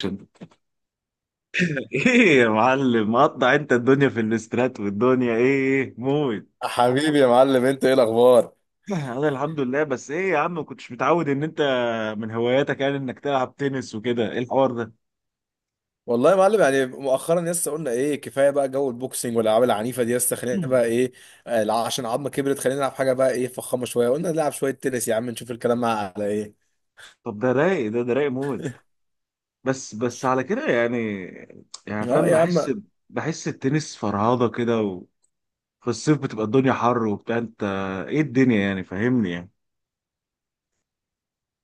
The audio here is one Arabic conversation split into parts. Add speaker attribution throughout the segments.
Speaker 1: عشان- ايه يا معلم مقطع؟ انت الدنيا في الاسترات والدنيا ايه، موت.
Speaker 2: حبيبي يا معلم، انت ايه الاخبار؟
Speaker 1: انا الحمد لله، بس ايه يا عم، ما كنتش متعود ان انت من هواياتك يعني انك تلعب تنس وكده. ايه الحوار ده؟
Speaker 2: والله يا معلم يعني مؤخرا لسه قلنا ايه كفايه بقى جو البوكسنج والالعاب العنيفه دي، لسه خلينا بقى ايه. آه، لا، عشان عظمه كبرت خلينا نلعب حاجه بقى ايه فخامه شويه، قلنا نلعب شويه تنس يا عم نشوف الكلام مع على ايه.
Speaker 1: طب ده رايق، ده رايق موت، بس بس على كده يعني. يعني
Speaker 2: اه
Speaker 1: فاهم،
Speaker 2: يا عم.
Speaker 1: بحس التنس فرهضة كده. وفي الصيف بتبقى الدنيا حر وبتاع. انت ايه الدنيا يعني، فاهمني يعني؟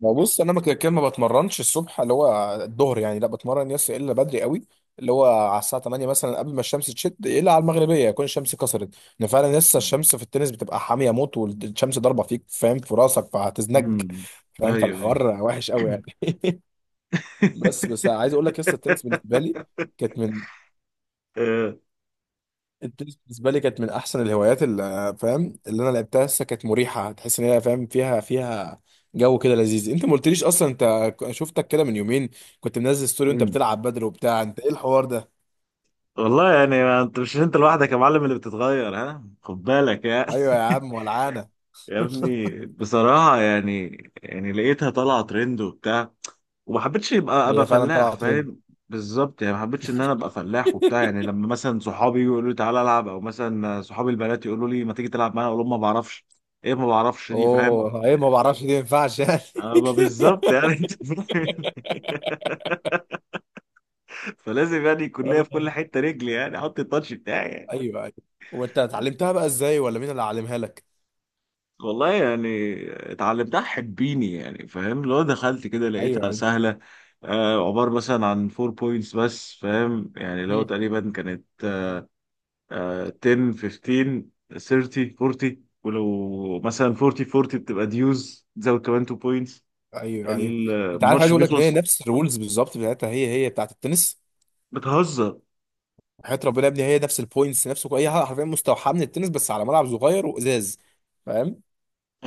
Speaker 2: ما بص انا ما كده كده ما بتمرنش الصبح اللي هو الظهر يعني، لا بتمرن يس الا بدري قوي، اللي هو على الساعه 8 مثلا قبل ما الشمس تشد، الا على المغربيه يكون الشمس كسرت. ان فعلا لسه الشمس في التنس بتبقى حاميه موت، والشمس ضاربه فيك فاهم في راسك فهتزنج.
Speaker 1: امم.
Speaker 2: فاهم،
Speaker 1: ايوه، ايوه.
Speaker 2: فالحوار وحش قوي يعني. بس عايز اقول لك لسه التنس بالنسبه لي كانت من.
Speaker 1: آه.
Speaker 2: التنس بالنسبه لي كانت من احسن الهوايات اللي فاهم اللي انا لعبتها، لسه كانت مريحه، تحس ان هي فاهم فيها فيها جو كده لذيذ. انت ما قلتليش اصلا انت، شفتك كده من يومين كنت منزل ستوري وانت بتلعب بدل وبتاع، انت ايه الحوار ده؟
Speaker 1: والله يعني، ما انت مش انت لوحدك يا معلم اللي بتتغير، ها خد بالك يا
Speaker 2: ايوه يا عم ولعانه.
Speaker 1: يا ابني بصراحة يعني لقيتها طالعة ترند وبتاع وما حبيتش يبقى ابقى
Speaker 2: هي فعلا
Speaker 1: فلاح،
Speaker 2: طلعت ترند.
Speaker 1: فاهم؟ بالظبط، يعني ما حبيتش ان انا ابقى فلاح وبتاع. يعني لما مثلا صحابي يقولوا لي تعالى العب، او مثلا صحابي البنات يقولوا لي ما تيجي تلعب معانا، اقول لهم ما بعرفش. ايه ما بعرفش دي، فاهم؟
Speaker 2: اوه، ايه ما بعرفش دي ما ينفعش يعني.
Speaker 1: ابقى بالظبط يعني. انت فاهم؟ فلازم يعني يكون ليا في كل
Speaker 2: آه.
Speaker 1: حتة رجلي، يعني احط التاتش بتاعي يعني.
Speaker 2: ايوه ايوه. وانت اتعلمتها بقى ازاي ولا مين اللي علمها لك؟
Speaker 1: والله يعني، اتعلمتها حبيني يعني، فاهم؟ لو دخلت كده
Speaker 2: ايوه
Speaker 1: لقيتها
Speaker 2: ايوه.
Speaker 1: سهلة. آه، عبارة مثلا عن 4 بوينتس بس، فاهم؟ يعني لو
Speaker 2: مم.
Speaker 1: تقريبا كانت آه 10 15 30 40، ولو مثلا 40 40 بتبقى ديوز، تزود كمان 2 بوينتس
Speaker 2: ايوه ايوه. انت عارف عايز
Speaker 1: الماتش
Speaker 2: اقول لك ان هي
Speaker 1: بيخلص.
Speaker 2: نفس الرولز بالظبط بتاعتها هي هي بتاعت التنس.
Speaker 1: بتهزر؟
Speaker 2: حياة ربنا يا ابني هي نفس البوينتس نفس هي حرفيا مستوحاة من التنس بس على ملعب صغير وازاز. فاهم،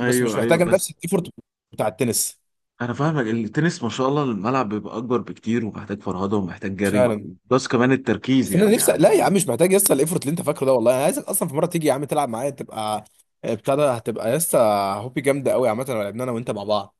Speaker 2: بس مش
Speaker 1: ايوه،
Speaker 2: محتاجة
Speaker 1: بس.
Speaker 2: نفس الايفورت بتاع التنس.
Speaker 1: انا فاهمك، التنس ما شاء الله الملعب بيبقى اكبر بكتير ومحتاج فرهده ومحتاج جري،
Speaker 2: فعلا.
Speaker 1: بس كمان التركيز
Speaker 2: بس انا
Speaker 1: يعني
Speaker 2: نفسي لا يا عم،
Speaker 1: يعني
Speaker 2: مش محتاج يسطا الايفورت اللي انت فاكره ده، والله انا عايزك اصلا في مرة تيجي يا عم تلعب معايا تبقى آه، بتاع ده هتبقى يسطا هوبي جامدة قوي عامة لو لعبنا انا وانت مع بعض.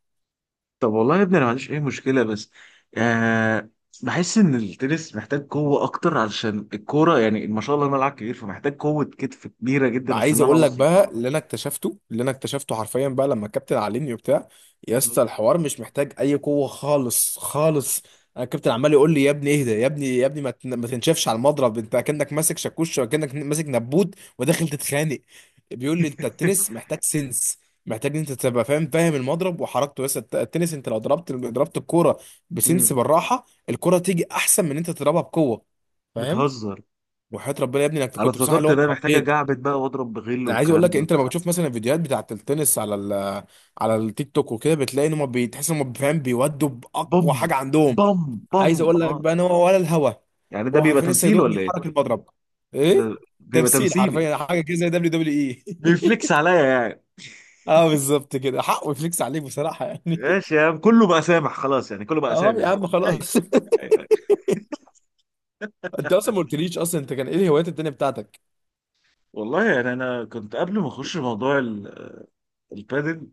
Speaker 1: طب والله يا ابني انا ما عنديش اي مشكله، بس آه، بحس ان التنس محتاج قوه اكتر علشان الكوره، يعني ما شاء الله الملعب كبير، فمحتاج قوه كتف كبيره جدا
Speaker 2: عايز
Speaker 1: عشان انا
Speaker 2: اقول لك
Speaker 1: اوصل
Speaker 2: بقى
Speaker 1: الكوره.
Speaker 2: اللي انا اكتشفته حرفيا بقى لما الكابتن علمني وبتاع، يا اسطى الحوار مش محتاج اي قوه خالص خالص. انا الكابتن عمال يقول لي يا ابني اهدى يا ابني يا ابني ما تنشفش على المضرب، انت كانك ماسك شاكوش وكانك ماسك نبوت وداخل تتخانق. بيقول لي انت التنس محتاج سنس، محتاج ان انت تبقى فاهم المضرب وحركته، بس التنس انت لو ضربت الكوره بسنس
Speaker 1: امم.
Speaker 2: بالراحه الكوره تيجي احسن من ان انت تضربها بقوه. فاهم.
Speaker 1: بتهزر؟
Speaker 2: وحياة ربنا يا ابني انك
Speaker 1: انا
Speaker 2: كنت بصراحه اللي
Speaker 1: افتكرت
Speaker 2: هو
Speaker 1: ده محتاجه
Speaker 2: اتخضيت.
Speaker 1: جعبت بقى واضرب بغل
Speaker 2: انا عايز اقول
Speaker 1: والكلام
Speaker 2: لك
Speaker 1: ده.
Speaker 2: انت لما بتشوف مثلا الفيديوهات بتاعت التنس على على التيك توك وكده بتلاقي ان هم بتحس ان هم فاهم بيودوا
Speaker 1: بم.
Speaker 2: باقوى حاجه عندهم.
Speaker 1: بم. بم.
Speaker 2: عايز اقول لك
Speaker 1: اه
Speaker 2: بقى ان هو ولا الهوا.
Speaker 1: يعني ده
Speaker 2: هو
Speaker 1: بيبقى
Speaker 2: حرفيا لسه
Speaker 1: تمثيل
Speaker 2: يدوق
Speaker 1: ولا
Speaker 2: بيحرك
Speaker 1: ايه؟
Speaker 2: المضرب. ايه.
Speaker 1: ده بيبقى
Speaker 2: تمثيل
Speaker 1: تمثيلي؟
Speaker 2: حرفيا حاجه كده زي دبليو دبليو اي.
Speaker 1: بيفليكس عليا يعني؟
Speaker 2: اه بالظبط كده حقه يفليكس عليك بصراحه يعني.
Speaker 1: ماشي يا عم، كله بقى سامح، خلاص يعني، كله بقى
Speaker 2: اه
Speaker 1: سامح
Speaker 2: يا
Speaker 1: يعني.
Speaker 2: عم
Speaker 1: ايوه.
Speaker 2: خلاص.
Speaker 1: أيوة. أيوة.
Speaker 2: انت اصلا ما قلتليش اصلا، انت كان ايه الهوايات التانيه بتاعتك؟
Speaker 1: والله يعني انا كنت قبل ما اخش موضوع البادل،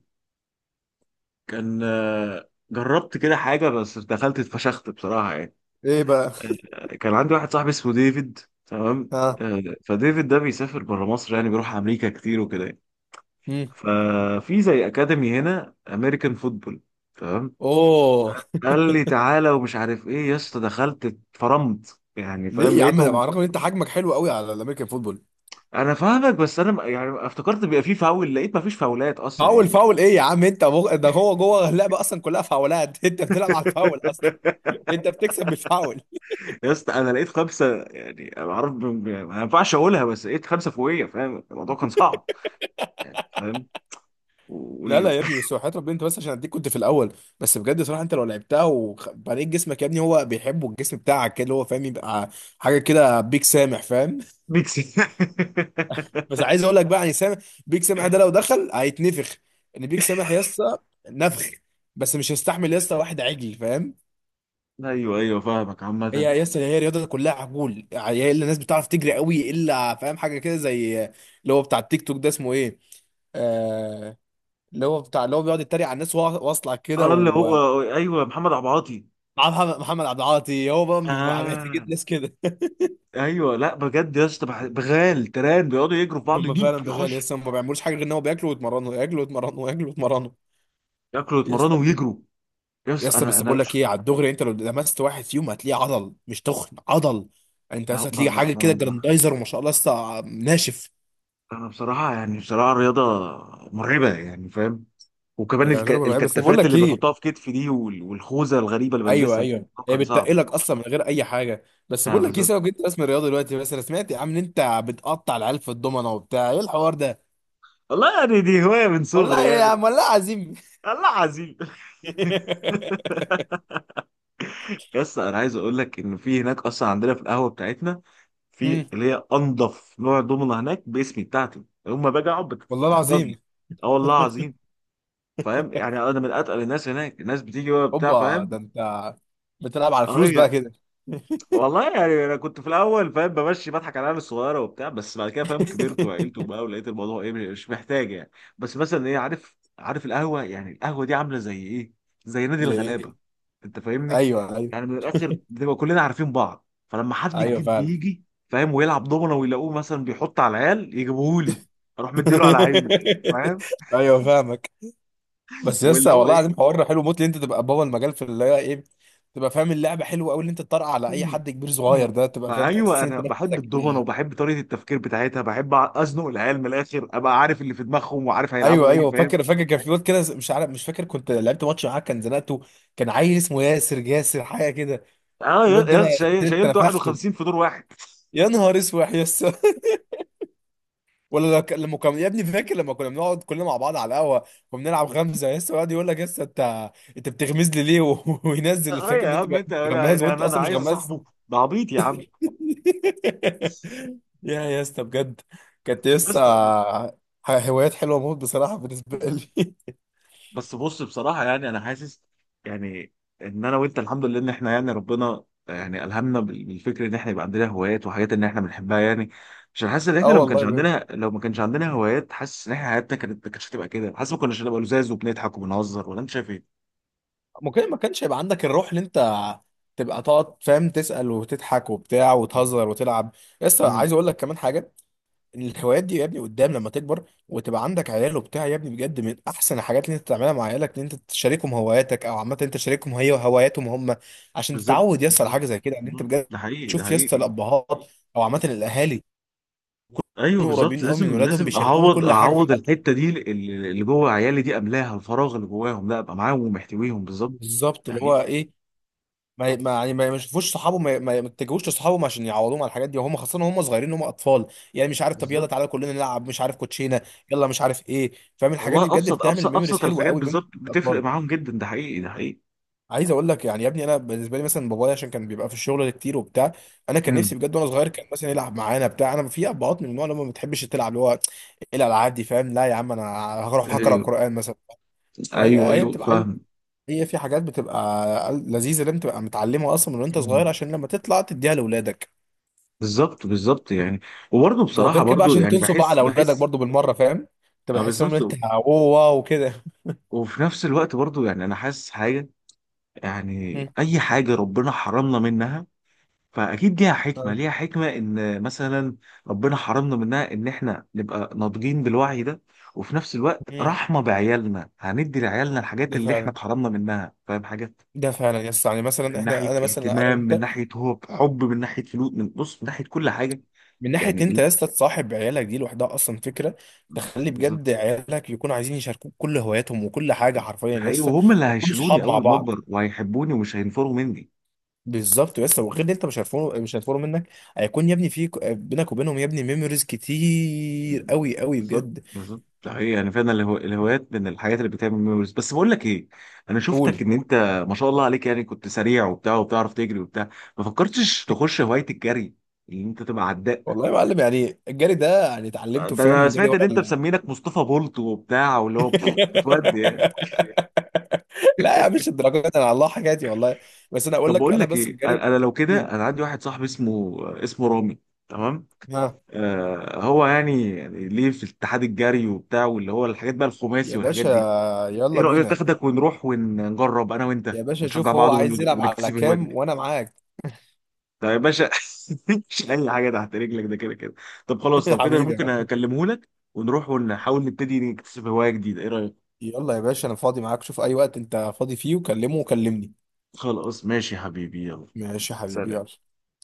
Speaker 1: كان جربت كده حاجة بس دخلت اتفشخت بصراحة يعني.
Speaker 2: ايه بقى؟
Speaker 1: كان عندي واحد صاحبي اسمه ديفيد. تمام.
Speaker 2: ها.
Speaker 1: فديفيد ده بيسافر بره مصر، يعني بيروح أمريكا كتير وكده يعني.
Speaker 2: مم.
Speaker 1: ففي زي أكاديمي هنا أمريكان فوتبول. تمام.
Speaker 2: اوه.
Speaker 1: قال لي تعالى ومش عارف إيه، يا اسطى دخلت اتفرمت يعني، فاهم؟
Speaker 2: ليه يا عم على
Speaker 1: لقيته.
Speaker 2: الرغم ان انت حجمك حلو قوي على الامريكان فوتبول؟
Speaker 1: أنا فاهمك، بس يعني افتكرت بيبقى فيه فاول، لقيت مفيش فاولات أصلا
Speaker 2: فاول
Speaker 1: يعني.
Speaker 2: فاول ايه يا عم انت ده هو جوه اللعبه اصلا كلها فاولات. انت بتلعب على الفاول اصلا. انت بتكسب بالفاول.
Speaker 1: يا اسطى انا لقيت خمسه، يعني انا عارف ما ينفعش اقولها، بس لقيت خمسه فوقيه، فاهم الموضوع كان صعب. فاهم؟
Speaker 2: لا لا
Speaker 1: وال-
Speaker 2: يا ابني، بس وحياة ربنا انت بس عشان اديك كنت في الاول. بس بجد صراحه انت لو لعبتها وبنيت جسمك يا ابني، هو بيحبه الجسم بتاعك كده اللي هو فاهم يبقى حاجه كده بيك سامح فاهم.
Speaker 1: ميكس.
Speaker 2: بس عايز اقول لك بقى يعني سامح، بيك سامح ده لو دخل هيتنفخ، ان بيك سامح يا اسطى نفخ، بس مش هيستحمل يا اسطى واحد عجل فاهم.
Speaker 1: ايوه، ايوه، فاهمك
Speaker 2: هي
Speaker 1: عامه.
Speaker 2: يا اسطى هي الرياضه كلها عجول يعني، هي الا الناس بتعرف تجري قوي الا فاهم حاجه كده زي اللي هو بتاع التيك توك ده اسمه ايه. آه، اللي هو بتاع اللي هو بيقعد يتريق على الناس وهو واصلع
Speaker 1: اه
Speaker 2: كده
Speaker 1: اللي
Speaker 2: ومعاه
Speaker 1: هو ايوه محمد عبعاطي.
Speaker 2: محمد عبد العاطي، هو بقى بيبقى محتاجين
Speaker 1: اه.
Speaker 2: ناس كده.
Speaker 1: ايوه، لا بجد يا اسطى، بغال تران بيقعدوا يجروا في بعض،
Speaker 2: هم
Speaker 1: يجيب
Speaker 2: فعلا بغالي
Speaker 1: يخش.
Speaker 2: يس، هم ما بيعملوش حاجه غير ان هو بياكلوا ويتمرنوا، ياكلوا ويتمرنوا، ياكلوا ويتمرنوا.
Speaker 1: ياكلوا
Speaker 2: يس.
Speaker 1: يتمرنوا ويجروا. يا اسطى،
Speaker 2: يس.
Speaker 1: انا
Speaker 2: بس
Speaker 1: انا
Speaker 2: بقول لك ايه على الدغري، انت لو لمست واحد فيهم هتلاقيه عضل مش تخن عضل. انت
Speaker 1: ما
Speaker 2: بس
Speaker 1: ما
Speaker 2: هتلاقيه حاجه كده
Speaker 1: ما ما-
Speaker 2: جراندايزر وما شاء الله لسه ناشف.
Speaker 1: انا بصراحه يعني، بصراحه الرياضه مرعبه يعني، فاهم؟ وكمان
Speaker 2: يا رضا بقول لك ايه، بس بقول
Speaker 1: الكتافات
Speaker 2: لك
Speaker 1: اللي بيحطوها
Speaker 2: ايه.
Speaker 1: في كتفي دي، والخوذه الغريبه اللي
Speaker 2: ايوه
Speaker 1: بلبسها دي،
Speaker 2: ايوه،
Speaker 1: الموضوع
Speaker 2: هي
Speaker 1: كان صعب
Speaker 2: بتتقلك اصلا من غير اي حاجه. بس
Speaker 1: يعني.
Speaker 2: بقول لك ايه
Speaker 1: بالظبط.
Speaker 2: سبب انت رسم الرياضه دلوقتي، بس انا سمعت يا عم ان انت بتقطع العيال في الضمنه وبتاع، ايه الحوار ده؟
Speaker 1: والله يعني دي هوايه من صغري
Speaker 2: والله يا
Speaker 1: يعني.
Speaker 2: عم والله عظيم.
Speaker 1: الله عظيم. يس، انا عايز اقول لك ان في هناك اصلا عندنا في القهوه بتاعتنا،
Speaker 2: مم.
Speaker 1: في اللي هي انضف نوع دومنه هناك باسمي بتاعتي، يوم باجي اقعد
Speaker 2: والله
Speaker 1: بتحضر لي.
Speaker 2: العظيم.
Speaker 1: اه والله عظيم. فاهم يعني، انا من اتقل الناس هناك، الناس بتيجي بقى بتاع،
Speaker 2: هوبا، ده
Speaker 1: فاهم؟
Speaker 2: انت بتلعب على الفلوس
Speaker 1: اه.
Speaker 2: بقى كده؟
Speaker 1: والله يعني، انا كنت في الاول فاهم بمشي بضحك على العيال الصغيره وبتاع، بس بعد كده فاهم كبرت وعقلت وبقى، ولقيت الموضوع ايه مش محتاج يعني. بس مثلا ايه، عارف القهوه يعني، القهوه دي عامله زي ايه؟ زي نادي
Speaker 2: زي
Speaker 1: الغلابه.
Speaker 2: ايه؟
Speaker 1: انت فاهمني؟
Speaker 2: ايوه ايوه.
Speaker 1: يعني من الاخر بنبقى كلنا عارفين بعض، فلما حد
Speaker 2: ايوه
Speaker 1: جديد
Speaker 2: فعلا.
Speaker 1: بيجي فاهم ويلعب دومنه، ويلاقوه مثلا بيحط على العيال يجيبوهولي، اروح مديله على عينه، فاهم؟
Speaker 2: ايوه فاهمك. بس
Speaker 1: واللي
Speaker 2: لسه
Speaker 1: هو
Speaker 2: والله العظيم
Speaker 1: ايه.
Speaker 2: حوار حلو موت ان انت تبقى بابا المجال في اللي هي ايه، تبقى فاهم اللعبه حلوه قوي ان انت تطرق على اي حد كبير صغير ده، تبقى
Speaker 1: ما
Speaker 2: فاهم تحس
Speaker 1: ايوه،
Speaker 2: ان انت
Speaker 1: انا بحب
Speaker 2: نفسك.
Speaker 1: الدومنه وبحب طريقه التفكير بتاعتها، بحب ازنق العيال من الاخر، ابقى عارف اللي في دماغهم وعارف
Speaker 2: ايوه
Speaker 1: هيلعبوا ايه،
Speaker 2: ايوه.
Speaker 1: فاهم؟
Speaker 2: فاكر فاكر كان في وقت كده مش عارف مش فاكر كنت لعبت ماتش معاه كان زنقته، كان عيل اسمه ياسر جاسر حاجه كده.
Speaker 1: اه
Speaker 2: الواد ده انا انت
Speaker 1: شايلت
Speaker 2: نفخته.
Speaker 1: 51 في دور واحد.
Speaker 2: يا نهار اسود يا اسطى. ولا لما كان يا ابني فاكر لما كنا بنقعد كلنا مع بعض على القهوه وبنلعب غمزه يا اسطى يقعد يقول لك يا اسطى انت انت بتغمز لي ليه وينزل
Speaker 1: اه
Speaker 2: فاكر
Speaker 1: يا
Speaker 2: ان انت
Speaker 1: عم انت، انا
Speaker 2: غماز
Speaker 1: يعني
Speaker 2: وانت
Speaker 1: انا
Speaker 2: اصلا مش
Speaker 1: عايز
Speaker 2: غماز.
Speaker 1: اصاحبه، ده عبيط يا عم.
Speaker 2: يا اسطى بجد، كانت
Speaker 1: يا
Speaker 2: لسه
Speaker 1: اسطى،
Speaker 2: هوايات حلوه موت بصراحه بالنسبه لي.
Speaker 1: بس بص بصراحة يعني أنا حاسس. يعني إن أنا وأنت الحمد لله إن إحنا يعني ربنا يعني ألهمنا بالفكر إن إحنا يبقى عندنا هوايات وحاجات إن إحنا بنحبها يعني. عشان حاسس إن إحنا
Speaker 2: اه والله بجد.
Speaker 1: لو ما كانش عندنا هوايات، حاسس إن إحنا حياتنا كانت ما كانتش هتبقى كده، حاسس ما كناش هنبقى لزاز وبنضحك وبنهزر، ولا أنت شايف إيه؟
Speaker 2: ممكن ما كانش يبقى عندك الروح اللي انت تبقى تقعد فاهم تسال وتضحك وبتاع وتهزر وتلعب. لسه
Speaker 1: امم.
Speaker 2: عايز اقول لك كمان حاجه. إن الهوايات دي يا ابني قدام لما تكبر وتبقى عندك عيال وبتاع يا ابني، بجد من احسن الحاجات اللي انت تعملها مع عيالك ان انت تشاركهم هواياتك، او عامه انت تشاركهم هي هواياتهم هم. عشان
Speaker 1: بالظبط،
Speaker 2: تتعود يسطا على
Speaker 1: بالظبط.
Speaker 2: حاجه زي كده ان انت
Speaker 1: مم.
Speaker 2: بجد
Speaker 1: ده حقيقي، ده
Speaker 2: تشوف يسطا
Speaker 1: حقيقي.
Speaker 2: الابهات او عامه الاهالي
Speaker 1: ايوه
Speaker 2: يكونوا
Speaker 1: بالظبط،
Speaker 2: قريبين قوي من
Speaker 1: لازم
Speaker 2: ولادهم
Speaker 1: لازم
Speaker 2: بيشاركوهم
Speaker 1: اعوض
Speaker 2: كل حاجه في
Speaker 1: اعوض
Speaker 2: حياتهم.
Speaker 1: الحته دي اللي جوه عيالي دي، املاها الفراغ اللي جواهم، لا ابقى معاهم ومحتويهم بالظبط.
Speaker 2: بالظبط
Speaker 1: ده
Speaker 2: اللي
Speaker 1: حقيقي.
Speaker 2: هو ايه، ما يعني ما يشوفوش صحابهم ما يتجهوش لصحابهم عشان يعوضوهم على الحاجات دي، وهم خاصه وهم صغيرين هم اطفال. يعني مش عارف طب يلا
Speaker 1: بالظبط.
Speaker 2: تعالى كلنا نلعب مش عارف كوتشينه، يلا مش عارف ايه فاهم، الحاجات دي
Speaker 1: والله
Speaker 2: بجد
Speaker 1: ابسط
Speaker 2: بتعمل
Speaker 1: ابسط
Speaker 2: ميموريز
Speaker 1: ابسط
Speaker 2: حلوه
Speaker 1: الحاجات
Speaker 2: قوي بين
Speaker 1: بالظبط، بتفرق
Speaker 2: الاطفال.
Speaker 1: معاهم جدا. ده حقيقي، ده حقيقي.
Speaker 2: عايز اقول لك يعني يا ابني انا بالنسبه لي مثلا بابايا عشان كان بيبقى في الشغل كتير وبتاع، انا كان
Speaker 1: امم.
Speaker 2: نفسي بجد وانا صغير كان مثلا يلعب معانا بتاع، انا في ابهات من النوع اللي هم ما بتحبش تلعب اللي هو إيه الالعاب دي فاهم. لا يا عم انا هروح اقرا
Speaker 1: ايوه،
Speaker 2: قران مثلا.
Speaker 1: ايوه.
Speaker 2: فهي هي
Speaker 1: ايوه
Speaker 2: بتبقى عايزه،
Speaker 1: فاهم.
Speaker 2: هي في حاجات بتبقى لذيذه لازم تبقى متعلمها اصلا من وانت
Speaker 1: مم.
Speaker 2: صغير عشان لما تطلع تديها لاولادك.
Speaker 1: بالظبط، بالظبط يعني. وبرضه بصراحه
Speaker 2: وغير كده بقى
Speaker 1: برضه
Speaker 2: عشان
Speaker 1: يعني،
Speaker 2: تنسوا بقى
Speaker 1: بحس
Speaker 2: على اولادك
Speaker 1: بحس
Speaker 2: برضو بالمره فاهم، تبقى
Speaker 1: اه
Speaker 2: تحس ان انت
Speaker 1: بالظبط.
Speaker 2: اوه واو كده.
Speaker 1: وفي نفس الوقت برضه يعني انا حاسس حاجه، يعني
Speaker 2: مم.
Speaker 1: اي حاجه ربنا حرمنا منها، فاكيد ليها
Speaker 2: آه.
Speaker 1: حكمه، ليها حكمه ان مثلا ربنا حرمنا منها، ان احنا نبقى ناضجين بالوعي ده. وفي نفس الوقت
Speaker 2: مم.
Speaker 1: رحمه بعيالنا، هندي لعيالنا الحاجات
Speaker 2: ده
Speaker 1: اللي احنا
Speaker 2: فعلا.
Speaker 1: اتحرمنا منها، فاهم حاجه؟
Speaker 2: ده فعلا يا اسطى يعني مثلا
Speaker 1: من
Speaker 2: احنا
Speaker 1: ناحيه
Speaker 2: انا مثلا انا
Speaker 1: اهتمام، من
Speaker 2: وانت،
Speaker 1: ناحيه هو حب، من ناحيه فلوس، من بص، من ناحيه كل حاجه.
Speaker 2: من ناحيه
Speaker 1: يعني
Speaker 2: إن انت يا
Speaker 1: إيه؟
Speaker 2: اسطى تصاحب عيالك دي لوحدها اصلا فكره. تخلي
Speaker 1: بالظبط،
Speaker 2: بجد عيالك يكونوا عايزين يشاركوك كل هواياتهم وكل حاجه حرفيا
Speaker 1: ده
Speaker 2: يا
Speaker 1: حقيقي.
Speaker 2: اسطى
Speaker 1: وهم اللي
Speaker 2: وكل
Speaker 1: هيشيلوني
Speaker 2: صحاب مع
Speaker 1: اول ما
Speaker 2: بعض.
Speaker 1: اكبر وهيحبوني ومش هينفروا مني.
Speaker 2: بالظبط، بس وغير ان انت مش هيفرقوا مش هيفرقوا منك، هيكون يا ابني في بينك وبينهم يا ابني ميموريز كتير قوي قوي
Speaker 1: بالظبط،
Speaker 2: بجد.
Speaker 1: بالظبط. ده حقيقي يعني فعلا الهوايات من الحاجات اللي بتعمل ميموريز. بس بقول لك ايه، انا شفتك
Speaker 2: قول.
Speaker 1: ان انت ما شاء الله عليك يعني كنت سريع وبتاع وبتعرف تجري وبتاع، ما فكرتش تخش هوايه الجري؟ ان انت تبقى عداء.
Speaker 2: والله يا معلم يعني الجري ده يعني اتعلمته
Speaker 1: ده انا
Speaker 2: فاهم جري
Speaker 1: سمعت ان انت
Speaker 2: ولا.
Speaker 1: مسمينك مصطفى بولت وبتاع واللي هو بتودي.
Speaker 2: لا يا عم، مش الدرجات دي، انا على الله حكايتي والله. بس انا اقول
Speaker 1: طب
Speaker 2: لك
Speaker 1: بقول
Speaker 2: انا
Speaker 1: لك
Speaker 2: بس
Speaker 1: ايه،
Speaker 2: الجري.
Speaker 1: انا لو كده،
Speaker 2: قول.
Speaker 1: انا عندي واحد صاحبي اسمه رامي. تمام.
Speaker 2: ها.
Speaker 1: آه، هو يعني ليه في اتحاد الجري وبتاع، واللي هو الحاجات بقى
Speaker 2: يا
Speaker 1: الخماسي والحاجات
Speaker 2: باشا
Speaker 1: دي. ايه
Speaker 2: يلا
Speaker 1: رأيك
Speaker 2: بينا.
Speaker 1: تاخدك ونروح ونجرب انا
Speaker 2: يا
Speaker 1: وانت
Speaker 2: باشا
Speaker 1: ونشجع
Speaker 2: شوف هو
Speaker 1: بعض
Speaker 2: عايز يلعب على
Speaker 1: ونكتسب الهوايه
Speaker 2: كام
Speaker 1: دي؟
Speaker 2: وانا معاك.
Speaker 1: طب يا باشا. مش اي حاجه تحت رجلك، ده كده كده. طب خلاص، لو كده انا
Speaker 2: حبيبي،
Speaker 1: ممكن اكلمه لك، ونروح ونحاول نبتدي نكتسب هوايه جديده. ايه رأيك؟
Speaker 2: يلا يا باشا انا فاضي معاك شوف اي وقت انت فاضي فيه وكلمه، وكلمني.
Speaker 1: خلاص ماشي يا حبيبي، يلا.
Speaker 2: ماشي يا حبيبي
Speaker 1: سلام.
Speaker 2: يلا.